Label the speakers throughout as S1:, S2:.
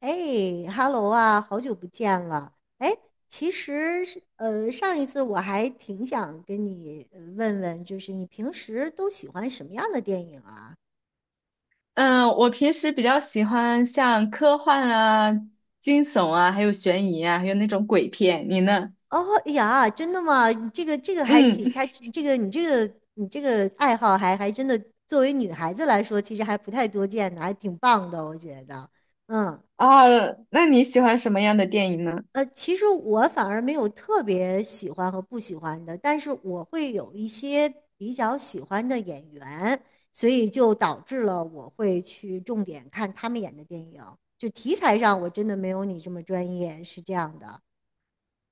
S1: 哎，Hello 啊，好久不见了。哎，其实是上一次我还挺想跟你问问，就是你平时都喜欢什么样的电影啊？
S2: 嗯，我平时比较喜欢像科幻啊、惊悚啊，还有悬疑啊，还有那种鬼片。你呢？
S1: 哦，哎呀，真的吗？你这个还
S2: 嗯，
S1: 挺，还这个你这个你这个爱好还真的，作为女孩子来说，其实还不太多见的，还挺棒的，我觉得。嗯
S2: 啊，那你喜欢什么样的电影呢？
S1: 其实我反而没有特别喜欢和不喜欢的，但是我会有一些比较喜欢的演员，所以就导致了我会去重点看他们演的电影。就题材上，我真的没有你这么专业，是这样的。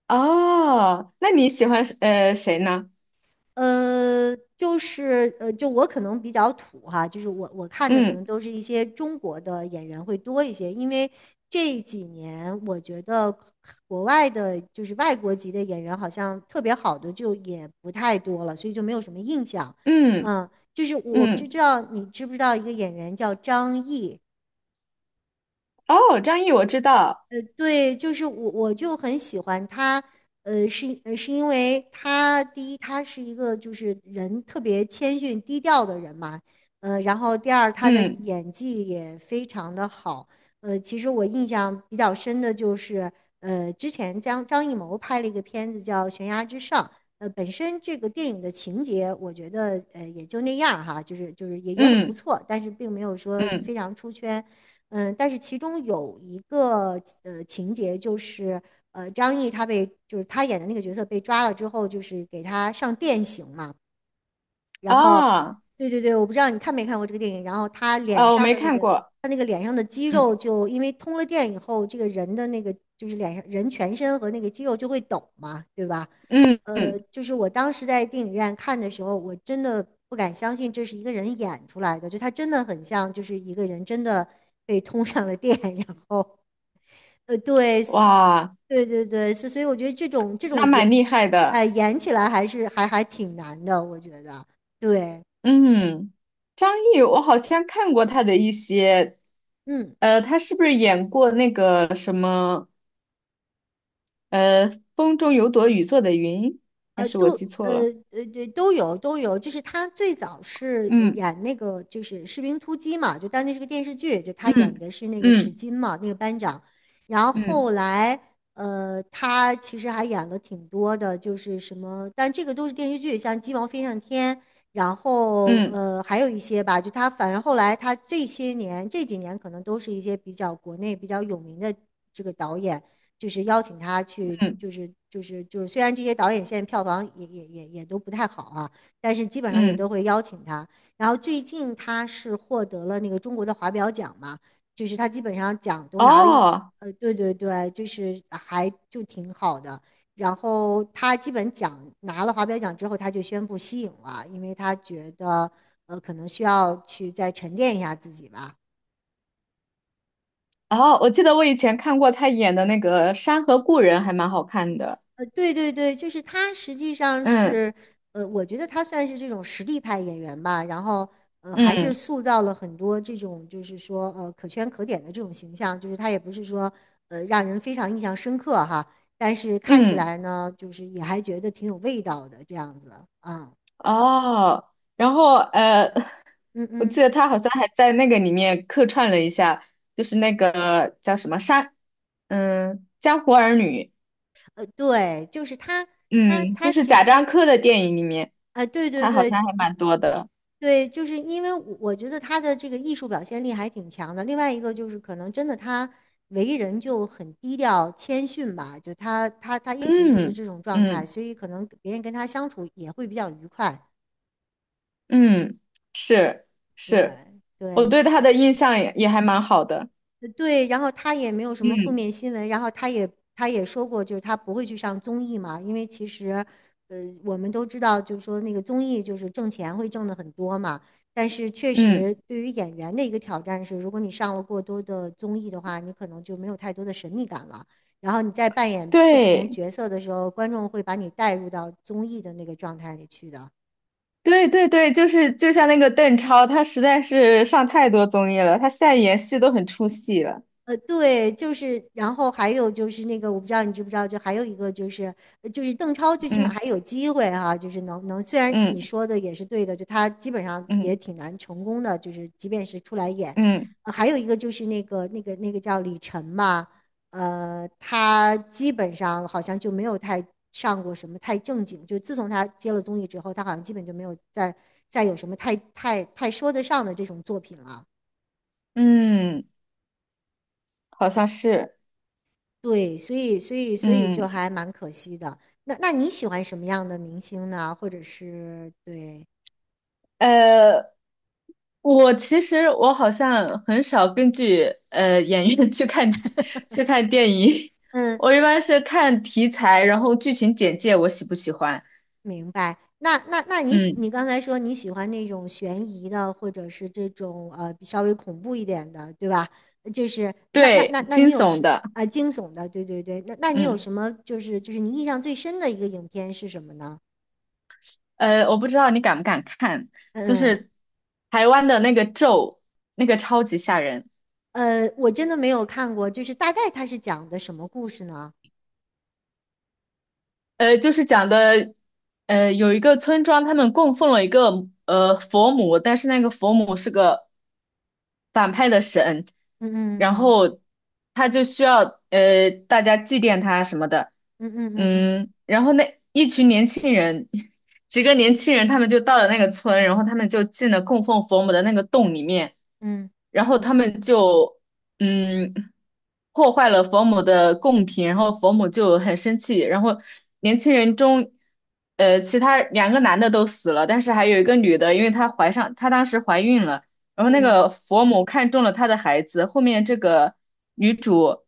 S2: 哦，那你喜欢谁呢？
S1: 就是就我可能比较土哈，就是我看的可
S2: 嗯
S1: 能都是一些中国的演员会多一些，因为这几年我觉得国外的，就是外国籍的演员好像特别好的就也不太多了，所以就没有什么印象。
S2: 嗯
S1: 就是我不知
S2: 嗯，
S1: 道你知不知道一个演员叫张译。
S2: 哦，张译我知道，
S1: 对，就是我就很喜欢他。是因为他第一，他是一个就是人特别谦逊低调的人嘛。然后第二，他的
S2: 嗯
S1: 演技也非常的好。其实我印象比较深的就是，之前张艺谋拍了一个片子叫《悬崖之上》。本身这个电影的情节，我觉得也就那样儿哈，就是也很不
S2: 嗯
S1: 错，但是并没有说
S2: 嗯，
S1: 非常出圈。但是其中有一个情节就是，张译他被就是他演的那个角色被抓了之后，就是给他上电刑嘛。然后，
S2: 哦，
S1: 对对对，我不知道你看没看过这个电影。然后他脸
S2: 我
S1: 上
S2: 没
S1: 的那
S2: 看
S1: 个，
S2: 过，
S1: 他那个脸上的肌肉
S2: 嗯
S1: 就因为通了电以后，这个人的那个就是脸上人全身和那个肌肉就会抖嘛，对吧？
S2: 嗯嗯，
S1: 就是我当时在电影院看的时候，我真的不敢相信这是一个人演出来的，就他真的很像，就是一个人真的被通上了电，然后对，
S2: 哇，
S1: 对对对，所以我觉得这种
S2: 那
S1: 演，
S2: 蛮厉害的。
S1: 哎、演起来还是还挺难的，我觉得，对。
S2: 嗯，张译，我好像看过他的一些，
S1: 嗯，
S2: 他是不是演过那个什么，呃，《风中有朵雨做的云》，还
S1: 呃，
S2: 是我
S1: 都
S2: 记
S1: 呃
S2: 错了？
S1: 对都有都有，就是他最早是
S2: 嗯
S1: 演那个就是《士兵突击》嘛，就当那是个电视剧，就他演
S2: 嗯
S1: 的是那个史
S2: 嗯
S1: 金嘛，那个班长。然后
S2: 嗯
S1: 后来，他其实还演了挺多的，就是什么，但这个都是电视剧，像《鸡毛飞上天》，然后
S2: 嗯
S1: 还有一些吧，就他反正后来他这些年这几年可能都是一些比较国内比较有名的这个导演。就是邀请他去，
S2: 嗯
S1: 就是，虽然这些导演现在票房也都不太好啊，但是基本上也
S2: 嗯，
S1: 都会邀请他。然后最近他是获得了那个中国的华表奖嘛，就是他基本上奖都拿了一，
S2: 哦
S1: 对对对，就是还就挺好的。然后他基本奖拿了华表奖之后，他就宣布息影了，因为他觉得可能需要去再沉淀一下自己吧。
S2: 哦，我记得我以前看过他演的那个《山河故人》，还蛮好看的。
S1: 对对对，就是他实际上
S2: 嗯
S1: 是，我觉得他算是这种实力派演员吧，然后还是
S2: 嗯
S1: 塑造了很多这种就是说可圈可点的这种形象，就是他也不是说让人非常印象深刻哈，但是看起
S2: 嗯。
S1: 来呢，就是也还觉得挺有味道的这样子啊。
S2: 哦，然后
S1: 嗯
S2: 我记
S1: 嗯，
S2: 得他好像还在那个里面客串了一下，就是那个叫什么山，嗯，江湖儿女，
S1: 对，就是他他
S2: 嗯，就
S1: 他
S2: 是
S1: 其
S2: 贾樟柯的电影里面，
S1: 啊、对对
S2: 他好
S1: 对。
S2: 像还蛮多的，
S1: 对，就是因为我觉得他的这个艺术表现力还挺强的。另外一个就是，可能真的他为人就很低调谦逊吧，就他一直就是
S2: 嗯
S1: 这种状态，
S2: 嗯
S1: 所以可能别人跟他相处也会比较愉快。
S2: 嗯，是是，
S1: 对
S2: 我
S1: 对，
S2: 对他的印象也还蛮好的，
S1: 对，然后他也没有什么负
S2: 嗯
S1: 面新闻，然后他也说过，就是他不会去上综艺嘛，因为其实，呃，我们都知道，就是说那个综艺就是挣钱会挣的很多嘛，但是确
S2: 嗯，
S1: 实对于演员的一个挑战是，如果你上了过多的综艺的话，你可能就没有太多的神秘感了，然后你在扮演不同
S2: 对
S1: 角色的时候，观众会把你带入到综艺的那个状态里去的。
S2: 对对对，就是就像那个邓超，他实在是上太多综艺了，他现在演戏都很出戏了。
S1: 对，就是，然后还有就是那个，我不知道你知不知道，就还有一个就是，就是邓超最起码
S2: 嗯。
S1: 还有机会哈、就是能，虽然你
S2: 嗯
S1: 说的也是对的，就他基本上也
S2: 嗯
S1: 挺难成功的，就是即便是出来演，
S2: 嗯
S1: 还有一个就是那个叫李晨嘛。他基本上好像就没有太上过什么太正经，就自从他接了综艺之后，他好像基本就没有再有什么太说得上的这种作品了。
S2: 嗯，好像是，
S1: 对，所以就
S2: 嗯
S1: 还蛮可惜的。那你喜欢什么样的明星呢？或者是对，
S2: 呃，我其实我好像很少根据演员 去看去看电影，
S1: 嗯，
S2: 我一般是看题材，然后剧情简介我喜不喜欢，
S1: 明白。那
S2: 嗯，
S1: 你刚才说你喜欢那种悬疑的，或者是这种比稍微恐怖一点的，对吧？就是那那那
S2: 对，
S1: 那
S2: 惊
S1: 你有
S2: 悚
S1: 什
S2: 的，
S1: 啊、惊悚的？对对对。那你有
S2: 嗯
S1: 什么就是你印象最深的一个影片是什么呢？
S2: 我不知道你敢不敢看，就
S1: 嗯
S2: 是台湾的那个咒，那个超级吓人。
S1: 嗯，我真的没有看过，就是大概它是讲的什么故事呢？
S2: 就是讲的，有一个村庄，他们供奉了一个佛母，但是那个佛母是个反派的神，
S1: 嗯嗯
S2: 然
S1: 嗯
S2: 后他就需要大家祭奠他什么的，
S1: 嗯嗯嗯嗯。嗯
S2: 嗯，然后那一群年轻人，几个年轻人他们就到了那个村，然后他们就进了供奉佛母的那个洞里面，
S1: 嗯
S2: 然后
S1: 嗯，
S2: 他们就嗯破坏了佛母的贡品，然后佛母就很生气，然后年轻人中。其他两个男的都死了，但是还有一个女的，因为她怀上，她当时怀孕了，然后那
S1: 嗯
S2: 个佛母看中了他的孩子，后面这个女主，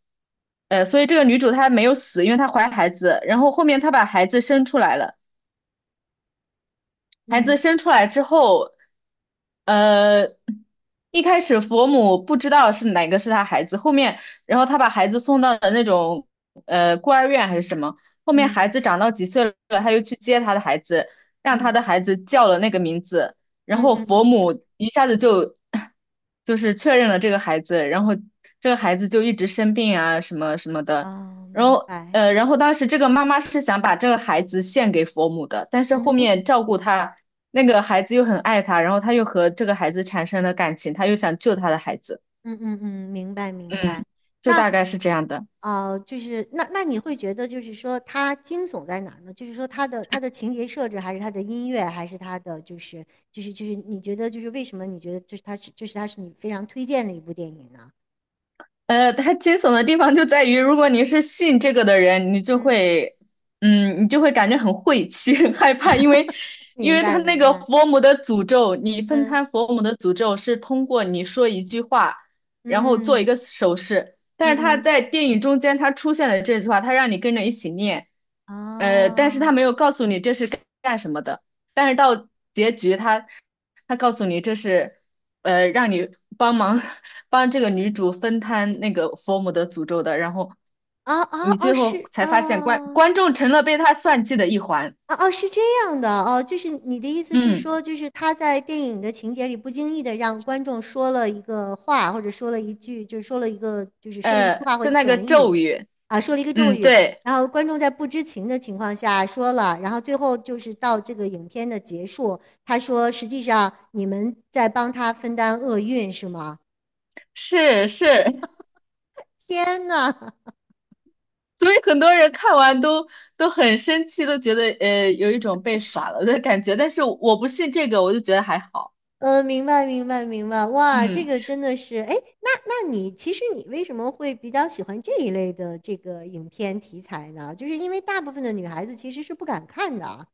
S2: 所以这个女主她没有死，因为她怀孩子，然后后面她把孩子生出来了。孩子
S1: 嗯
S2: 生出来之后，呃，一开始佛母不知道是哪个是他孩子，后面，然后他把孩子送到了那种孤儿院还是什么，后面
S1: 嗯
S2: 孩子长到几岁了，他又去接他的孩子，让他的
S1: 嗯
S2: 孩子叫了那个名字，然
S1: 嗯
S2: 后
S1: 嗯
S2: 佛
S1: 嗯，
S2: 母一下子就 就是确认了这个孩子，然后这个孩子就一直生病啊什么什么的。
S1: 哦，
S2: 然
S1: 明
S2: 后
S1: 白。
S2: 然后当时这个妈妈是想把这个孩子献给佛母的，但是
S1: 嗯
S2: 后
S1: 哼，
S2: 面照顾他那个孩子又很爱他，然后他又和这个孩子产生了感情，他又想救他的孩子，
S1: 嗯嗯嗯，明白明白。
S2: 嗯，就
S1: 那
S2: 大概是这样的。
S1: 就是那你会觉得，就是说它惊悚在哪儿呢？就是说它的情节设置，还是它的音乐，还是它的就是你觉得就是为什么你觉得就是它是你非常推荐的一部电影呢？
S2: 它惊悚的地方就在于，如果你是信这个的人，你就
S1: 嗯，
S2: 会，嗯，你就会感觉很晦气、很害怕，因为，因
S1: 明
S2: 为
S1: 白
S2: 他那
S1: 明
S2: 个
S1: 白。
S2: 佛母的诅咒，你分
S1: 嗯
S2: 摊佛母的诅咒是通过你说一句话，
S1: 嗯
S2: 然后
S1: 嗯
S2: 做一
S1: 嗯
S2: 个手势，但
S1: 嗯
S2: 是他
S1: 嗯，
S2: 在电影中间他出现了这句话，他让你跟着一起念，但是
S1: 哦
S2: 他没有告诉你这是干什么的，但是到结局他告诉你这是，让你帮忙。帮这个女主分摊那个佛母的诅咒的，然后
S1: 哦哦
S2: 你
S1: 哦，
S2: 最后
S1: 是
S2: 才发现观
S1: 哦。
S2: 观众成了被他算计的一环。
S1: 哦哦，是这样的哦，就是你的意思是
S2: 嗯，
S1: 说，就是他在电影的情节里不经意的让观众说了一个话，或者说了一句，就是说了一个，就是说了一句话或一
S2: 就
S1: 个
S2: 那个
S1: 短语。
S2: 咒语，
S1: 啊，说了一个咒
S2: 嗯，
S1: 语，
S2: 对，
S1: 然后观众在不知情的情况下说了，然后最后就是到这个影片的结束，他说实际上你们在帮他分担厄运是吗？
S2: 是是，
S1: 天呐！
S2: 所以很多人看完都很生气，都觉得有一种被耍了的感觉。但是我不信这个，我就觉得还好。
S1: 明白，明白，明白。哇，这
S2: 嗯，
S1: 个真的是，哎，那你其实你为什么会比较喜欢这一类的这个影片题材呢？就是因为大部分的女孩子其实是不敢看的啊。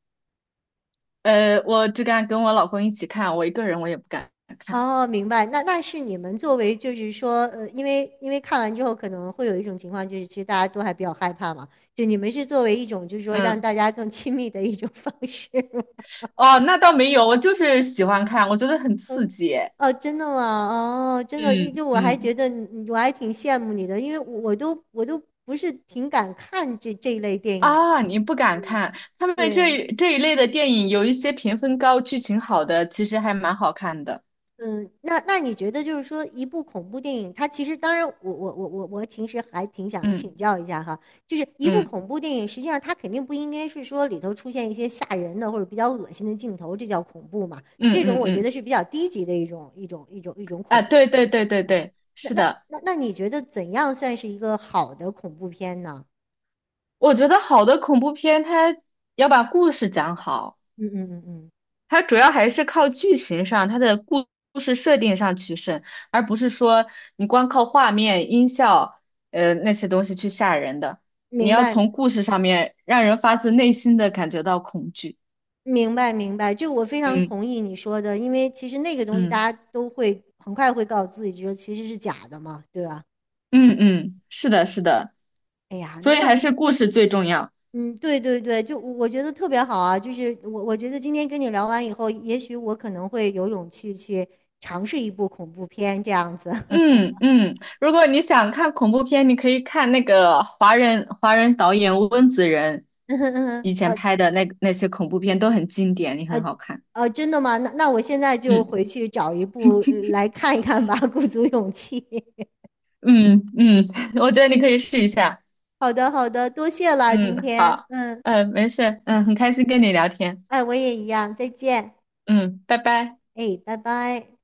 S2: 我只敢跟我老公一起看，我一个人我也不敢看。
S1: 哦，明白。那是你们作为就是说，因为看完之后可能会有一种情况，就是其实大家都还比较害怕嘛。就你们是作为一种就是说让
S2: 嗯，
S1: 大家更亲密的一种方式。
S2: 哦，那倒没有，我就是喜欢看，我觉得很刺
S1: 嗯，
S2: 激。
S1: 哦，真的吗？哦，真的，一
S2: 嗯
S1: 就我还
S2: 嗯。
S1: 觉得你我还挺羡慕你的，因为我都不是挺敢看这一类电影。
S2: 啊，你不敢看他们这
S1: 对，
S2: 一这一类的电影，有一些评分高、剧情好的，其实还蛮好看的。
S1: 嗯，那你觉得就是说，一部恐怖电影，它其实当然我其实还挺想
S2: 嗯
S1: 请教一下哈，就是一部
S2: 嗯
S1: 恐怖电影，实际上它肯定不应该是说里头出现一些吓人的或者比较恶心的镜头，这叫恐怖嘛？
S2: 嗯
S1: 这种
S2: 嗯
S1: 我觉得
S2: 嗯，
S1: 是比较低级的一种恐
S2: 啊，
S1: 怖的
S2: 对
S1: 方
S2: 对
S1: 式，
S2: 对对
S1: 对吧？
S2: 对，
S1: 那
S2: 是
S1: 那
S2: 的，
S1: 那你觉得怎样算是一个好的恐怖片呢？
S2: 我觉得好的恐怖片，它要把故事讲好，
S1: 嗯嗯嗯嗯，
S2: 它主要还是靠剧情上，它的故事设定上取胜，而不是说你光靠画面、音效，那些东西去吓人的。你
S1: 明
S2: 要
S1: 白。
S2: 从故事上面让人发自内心的感觉到恐惧。
S1: 明白，明白，就我非常
S2: 嗯
S1: 同意你说的，因为其实那个东西
S2: 嗯。
S1: 大家都会很快会告诉自己，觉得其实是假的嘛，对吧？
S2: 嗯嗯，是的，是的，
S1: 哎呀，
S2: 所
S1: 那
S2: 以
S1: 那，
S2: 还是故事最重要。
S1: 嗯，对对对，就我觉得特别好啊，就是我觉得今天跟你聊完以后，也许我可能会有勇气去尝试一部恐怖片这样子。
S2: 嗯嗯，如果你想看恐怖片，你可以看那个华人导演温子仁
S1: 嗯嗯嗯
S2: 以前
S1: 呃
S2: 拍的那那些恐怖片都很经典，也
S1: 呃
S2: 很好看。
S1: 真的吗？那我现在就
S2: 嗯
S1: 回去找一部来看一看吧，鼓足勇气。
S2: 嗯嗯，我觉得你可以试一下。
S1: 好的，好的，多谢了今
S2: 嗯，
S1: 天，
S2: 好，
S1: 嗯，
S2: 嗯、没事，嗯，很开心跟你聊天。
S1: 哎，我也一样，再见。
S2: 嗯，拜拜。
S1: 哎，拜拜。